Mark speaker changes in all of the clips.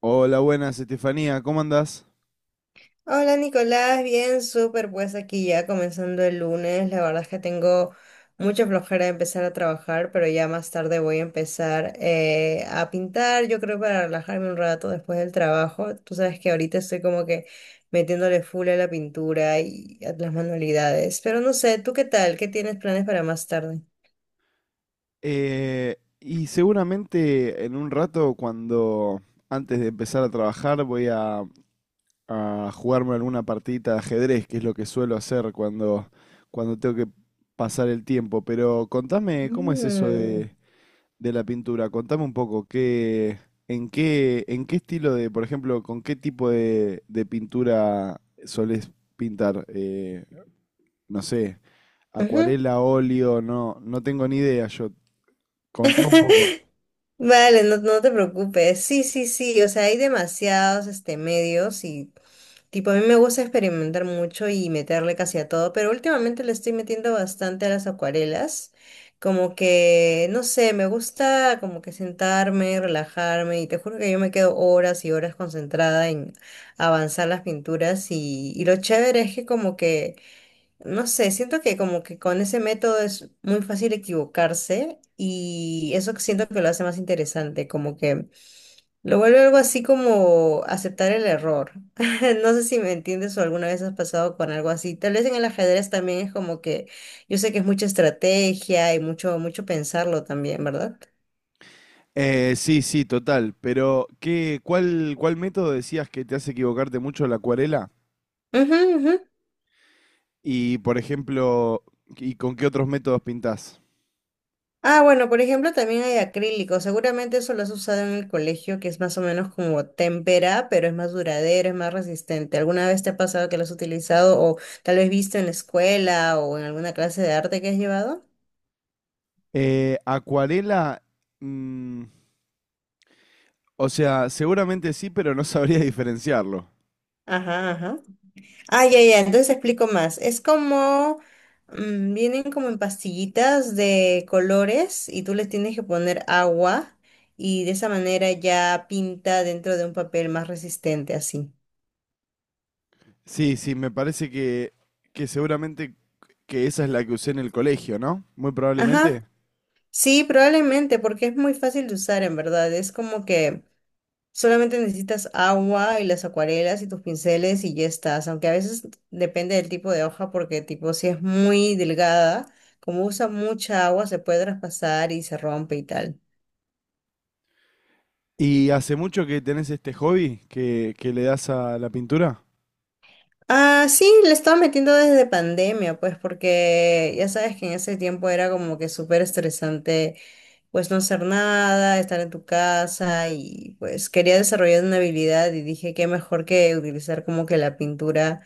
Speaker 1: Hola, buenas, Estefanía, ¿cómo andás?
Speaker 2: Hola Nicolás, bien, súper, pues aquí ya comenzando el lunes, la verdad es que tengo mucha flojera de empezar a trabajar, pero ya más tarde voy a empezar a pintar, yo creo para relajarme un rato después del trabajo, tú sabes que ahorita estoy como que metiéndole full a la pintura y a las manualidades, pero no sé, ¿tú qué tal? ¿Qué tienes planes para más tarde?
Speaker 1: Seguramente en un rato, cuando antes de empezar a trabajar, a jugarme alguna partidita de ajedrez, que es lo que suelo hacer cuando tengo que pasar el tiempo. Pero contame, ¿cómo es
Speaker 2: Mm,
Speaker 1: de la pintura? Contame un poco, ¿en qué estilo de, por ejemplo, con qué de pintura solés pintar? No sé,
Speaker 2: ujú.
Speaker 1: acuarela, óleo, no tengo ni idea yo. Contá un poco.
Speaker 2: Vale, no, no te preocupes. Sí, sí, sí. O sea, hay demasiados medios y tipo, a mí me gusta experimentar mucho y meterle casi a todo, pero últimamente le estoy metiendo bastante a las acuarelas. Como que, no sé, me gusta como que sentarme, relajarme y te juro que yo me quedo horas y horas concentrada en avanzar las pinturas y lo chévere es que como que... No sé, siento que como que con ese método es muy fácil equivocarse y eso que siento que lo hace más interesante, como que lo vuelve algo así como aceptar el error. No sé si me entiendes o alguna vez has pasado con algo así. Tal vez en el ajedrez también es como que yo sé que es mucha estrategia y mucho mucho pensarlo también, ¿verdad?
Speaker 1: Sí, sí, total. Pero, ¿cuál método decías que te hace equivocarte mucho, la acuarela?
Speaker 2: Ujú, ujú.
Speaker 1: Y, por ejemplo, ¿y con qué otros métodos pintás?
Speaker 2: Ah, bueno, por ejemplo, también hay acrílico. Seguramente eso lo has usado en el colegio, que es más o menos como témpera, pero es más duradero, es más resistente. ¿Alguna vez te ha pasado que lo has utilizado o tal vez visto en la escuela o en alguna clase de arte que has llevado?
Speaker 1: Acuarela, mm, o sea, seguramente sí, pero no sabría diferenciarlo.
Speaker 2: Ajá, ajá. Ah, ya, ya, entonces explico más. Es como, mm, vienen como en pastillitas de colores y tú les tienes que poner agua y de esa manera ya pinta dentro de un papel más resistente así.
Speaker 1: Sí, sí, que seguramente que esa es la que usé en el colegio, ¿no? Muy
Speaker 2: Ajá.
Speaker 1: probablemente.
Speaker 2: Sí, probablemente, porque es muy fácil de usar en verdad. Es como que solamente necesitas agua y las acuarelas y tus pinceles y ya estás. Aunque a veces depende del tipo de hoja, porque tipo si es muy delgada, como usa mucha agua, se puede traspasar y se rompe y tal.
Speaker 1: ¿Y hace mucho que tenés este hobby que le das a la pintura?
Speaker 2: Ah, sí, le estaba metiendo desde pandemia, pues porque ya sabes que en ese tiempo era como que súper estresante pues no hacer nada, estar en tu casa y pues quería desarrollar una habilidad y dije qué mejor que utilizar como que la pintura.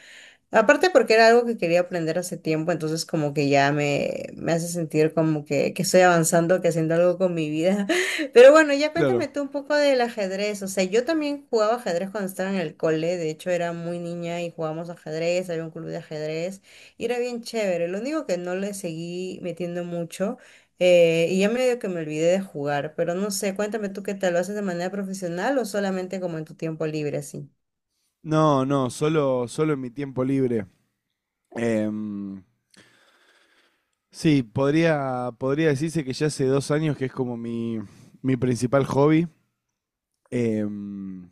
Speaker 2: Aparte porque era algo que quería aprender hace tiempo, entonces como que ya me hace sentir como que estoy avanzando, que haciendo algo con mi vida. Pero bueno, ya
Speaker 1: Claro.
Speaker 2: cuéntame tú un poco del ajedrez. O sea, yo también jugaba ajedrez cuando estaba en el cole, de hecho era muy niña y jugábamos ajedrez, había un club de ajedrez y era bien chévere. Lo único que no le seguí metiendo mucho y ya medio que me olvidé de jugar, pero no sé, cuéntame tú qué tal, ¿lo haces de manera profesional o solamente como en tu tiempo libre así?
Speaker 1: No, no, solo en mi tiempo libre. Em, sí, podría decirse que ya hace 2 años que es como mi principal hobby. Em,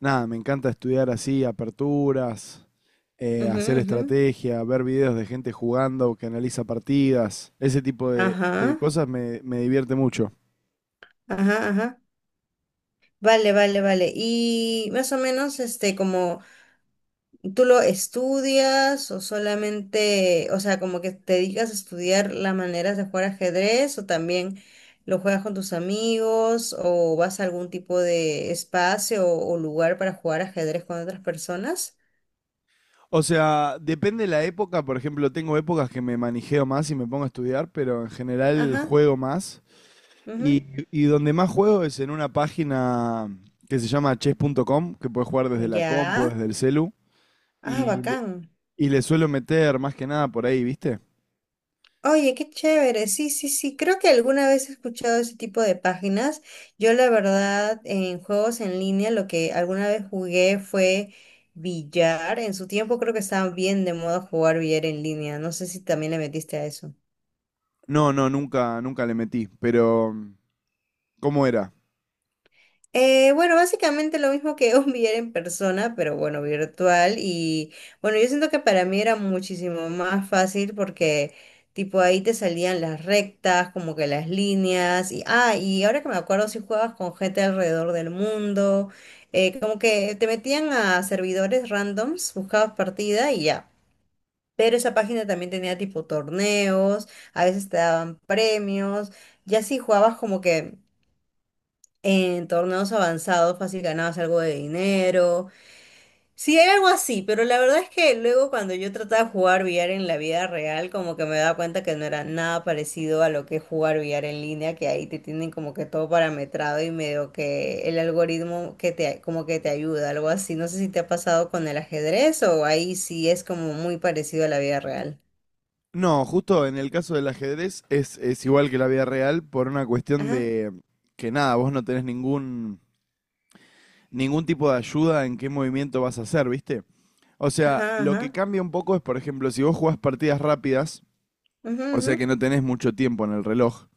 Speaker 1: Nada, me encanta estudiar así, aperturas,
Speaker 2: Ujú,
Speaker 1: hacer
Speaker 2: ujú.
Speaker 1: estrategia, ver videos de gente jugando que analiza partidas. Ese de
Speaker 2: Ajá.
Speaker 1: cosas me divierte mucho.
Speaker 2: Ajá, ajá. Vale, vale, vale. Y más o menos, este, como tú lo estudias o solamente, o sea, como que te dedicas a estudiar las maneras de jugar ajedrez o también lo juegas con tus amigos o vas a algún tipo de espacio o lugar para jugar ajedrez con otras personas.
Speaker 1: O sea, depende la época. Por ejemplo, tengo épocas que me manijeo más y me pongo a estudiar, pero en general
Speaker 2: Ajá,
Speaker 1: juego más. Y,
Speaker 2: ujú.
Speaker 1: y donde más juego es en una página que se llama chess.com, que puedes jugar desde la compu,
Speaker 2: Ya.
Speaker 1: desde el celu.
Speaker 2: Ah,
Speaker 1: Y le,
Speaker 2: bacán.
Speaker 1: y le suelo meter más que nada por ahí, ¿viste?
Speaker 2: Oye, qué chévere. Sí, sí, sí. Creo que alguna vez he escuchado ese tipo de páginas. Yo, la verdad, en juegos en línea, lo que alguna vez jugué fue billar. En su tiempo creo que estaba bien de moda jugar billar en línea. No sé si también le metiste a eso.
Speaker 1: No, no, nunca le metí. Pero, ¿cómo era?
Speaker 2: Bueno, básicamente lo mismo que un billar en persona, pero bueno, virtual. Y bueno, yo siento que para mí era muchísimo más fácil porque tipo ahí te salían las rectas, como que las líneas. Y, ah, y ahora que me acuerdo, si jugabas con gente alrededor del mundo, como que te metían a servidores randoms, buscabas partida y ya. Pero esa página también tenía tipo torneos, a veces te daban premios, ya si jugabas como que en torneos avanzados fácil ganabas algo de dinero. Sí, hay algo así, pero la verdad es que luego cuando yo trataba de jugar billar en la vida real, como que me daba cuenta que no era nada parecido a lo que es jugar billar en línea, que ahí te tienen como que todo parametrado y medio que el algoritmo que te como que te ayuda, algo así. No sé si te ha pasado con el ajedrez o ahí sí es como muy parecido a la vida real.
Speaker 1: No, justo en el caso del ajedrez es igual que la vida real por una cuestión
Speaker 2: Ajá,
Speaker 1: de que nada, vos no tenés ningún tipo de ayuda en qué movimiento vas a hacer, ¿viste? O sea,
Speaker 2: ajá,
Speaker 1: lo que
Speaker 2: ajá.
Speaker 1: cambia un poco es, por ejemplo, si vos jugás partidas rápidas,
Speaker 2: Ujú,
Speaker 1: o
Speaker 2: ujú,
Speaker 1: sea que no tenés mucho tiempo en el reloj,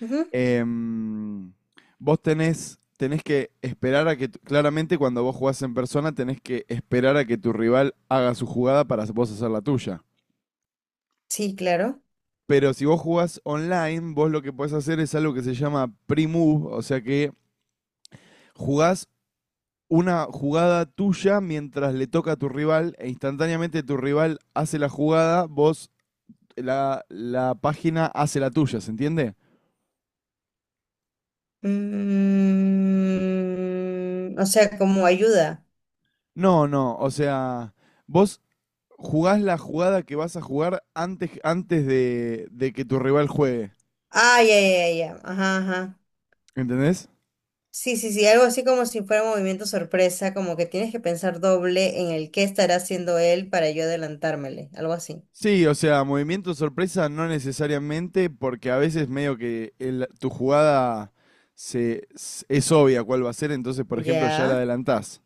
Speaker 2: ujú.
Speaker 1: em, tenés que esperar a claramente cuando vos jugás en persona, tenés que esperar a que tu rival haga su jugada para vos hacer la tuya.
Speaker 2: Sí, claro.
Speaker 1: Pero si vos jugás online, vos lo que podés hacer es algo que se llama pre-move, o sea que jugás una jugada tuya mientras le toca a tu rival e instantáneamente tu rival hace la jugada, vos la página hace la tuya, ¿se entiende?
Speaker 2: Mm, o sea, como ayuda.
Speaker 1: No, no, o sea, vos jugás la jugada que vas a jugar antes, de que tu rival juegue,
Speaker 2: Ah, ya, ya, ya, ya. Ajá, ajá.
Speaker 1: ¿entendés?
Speaker 2: Sí, sí, sí, algo así como si fuera movimiento sorpresa, como que tienes que pensar doble en el qué estará haciendo él para yo adelantármele, algo así.
Speaker 1: Sí, o sea, movimiento sorpresa no necesariamente, porque a veces medio que tu jugada es obvia cuál va a ser, entonces por ejemplo ya la
Speaker 2: Ya,
Speaker 1: adelantás.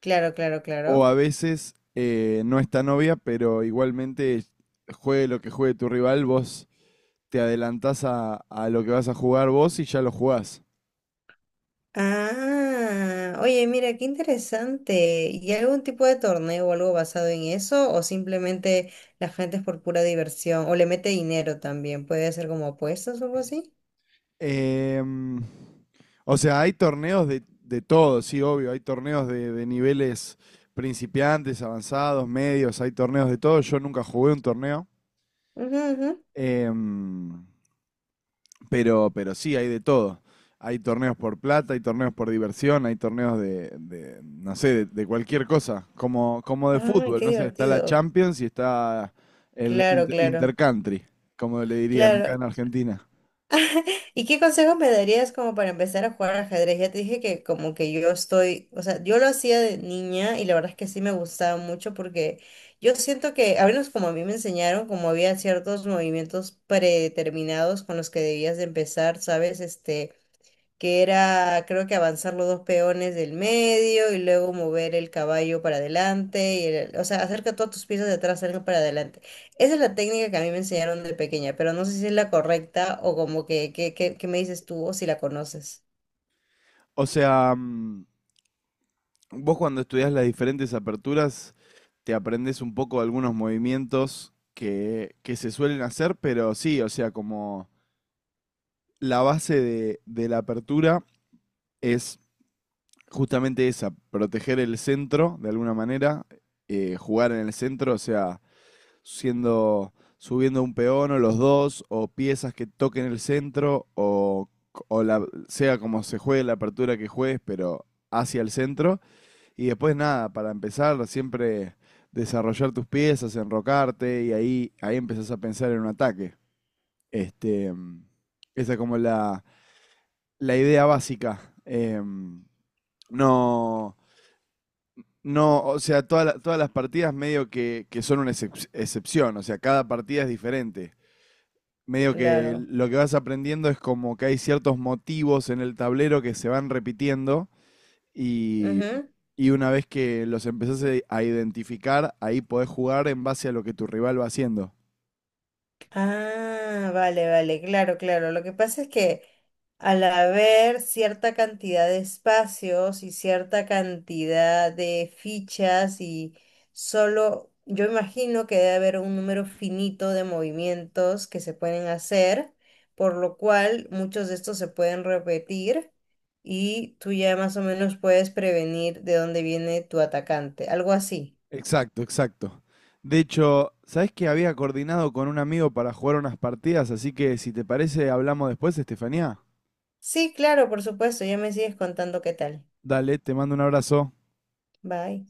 Speaker 2: claro, claro,
Speaker 1: O
Speaker 2: claro.
Speaker 1: a veces no está novia pero igualmente juegue lo que juegue tu rival, vos te adelantás a lo que vas a jugar vos y ya lo jugás.
Speaker 2: Ah, oye, mira, qué interesante. ¿Y algún tipo de torneo o algo basado en eso? ¿O simplemente la gente es por pura diversión? ¿O le mete dinero también? ¿Puede ser como apuestas o algo así?
Speaker 1: Em, o sea, hay torneos de todo, sí, obvio, hay torneos de niveles principiantes, avanzados, medios, hay torneos de todo. Yo nunca jugué un torneo.
Speaker 2: Ujú, ujú.
Speaker 1: Em, pero sí, hay de todo. Hay torneos por plata, hay torneos por diversión, hay torneos no sé, de cualquier cosa, como de
Speaker 2: Ay,
Speaker 1: fútbol,
Speaker 2: qué
Speaker 1: no sé, está la
Speaker 2: divertido.
Speaker 1: Champions y está el
Speaker 2: Claro, claro,
Speaker 1: Intercountry, como le dirían acá
Speaker 2: claro.
Speaker 1: en Argentina.
Speaker 2: ¿Y qué consejos me darías como para empezar a jugar ajedrez? Ya te dije que como que yo estoy, o sea, yo lo hacía de niña y la verdad es que sí me gustaba mucho porque yo siento que, al menos como a mí me enseñaron, como había ciertos movimientos predeterminados con los que debías de empezar, ¿sabes? Este, que era creo que avanzar los dos peones del medio y luego mover el caballo para adelante, o sea, hacer que todas tus piezas de atrás salgan para adelante. Esa es la técnica que a mí me enseñaron de pequeña, pero no sé si es la correcta o como que me dices tú o si la conoces.
Speaker 1: O sea, vos cuando estudiás las diferentes aperturas, te aprendes un poco algunos movimientos que se suelen hacer, pero sí, o sea, como la base de la apertura es justamente esa, proteger el centro de alguna manera, jugar en el centro, o sea, siendo, subiendo un peón o los dos, o piezas que toquen el centro, o la, sea como se juegue la apertura que juegues, pero hacia el centro. Y después nada, para empezar, siempre desarrollar tus piezas, enrocarte, y ahí empezás a pensar en un ataque. Este, Esa es como la idea básica. Em, no, No, o sea, todas las partidas medio que son una excepción, o sea, cada partida es diferente. Medio que
Speaker 2: Claro.
Speaker 1: lo que vas aprendiendo es como que hay ciertos motivos en el tablero que se van repitiendo y,
Speaker 2: Ujú.
Speaker 1: y una vez que los empezás a identificar, ahí podés jugar en base a lo que tu rival va haciendo.
Speaker 2: Ah, vale, vale, claro, claro. Lo que pasa es que al haber cierta cantidad de espacios y cierta cantidad de fichas y solo, yo imagino que debe haber un número finito de movimientos que se pueden hacer, por lo cual muchos de estos se pueden repetir y tú ya más o menos puedes prevenir de dónde viene tu atacante, algo así.
Speaker 1: Exacto, exacto. De hecho, ¿sabés que había coordinado con un amigo para jugar unas partidas? Así que si te parece, hablamos después, Estefanía.
Speaker 2: Sí, claro, por supuesto, ya me sigues contando qué tal.
Speaker 1: Dale, te mando un abrazo.
Speaker 2: Bye.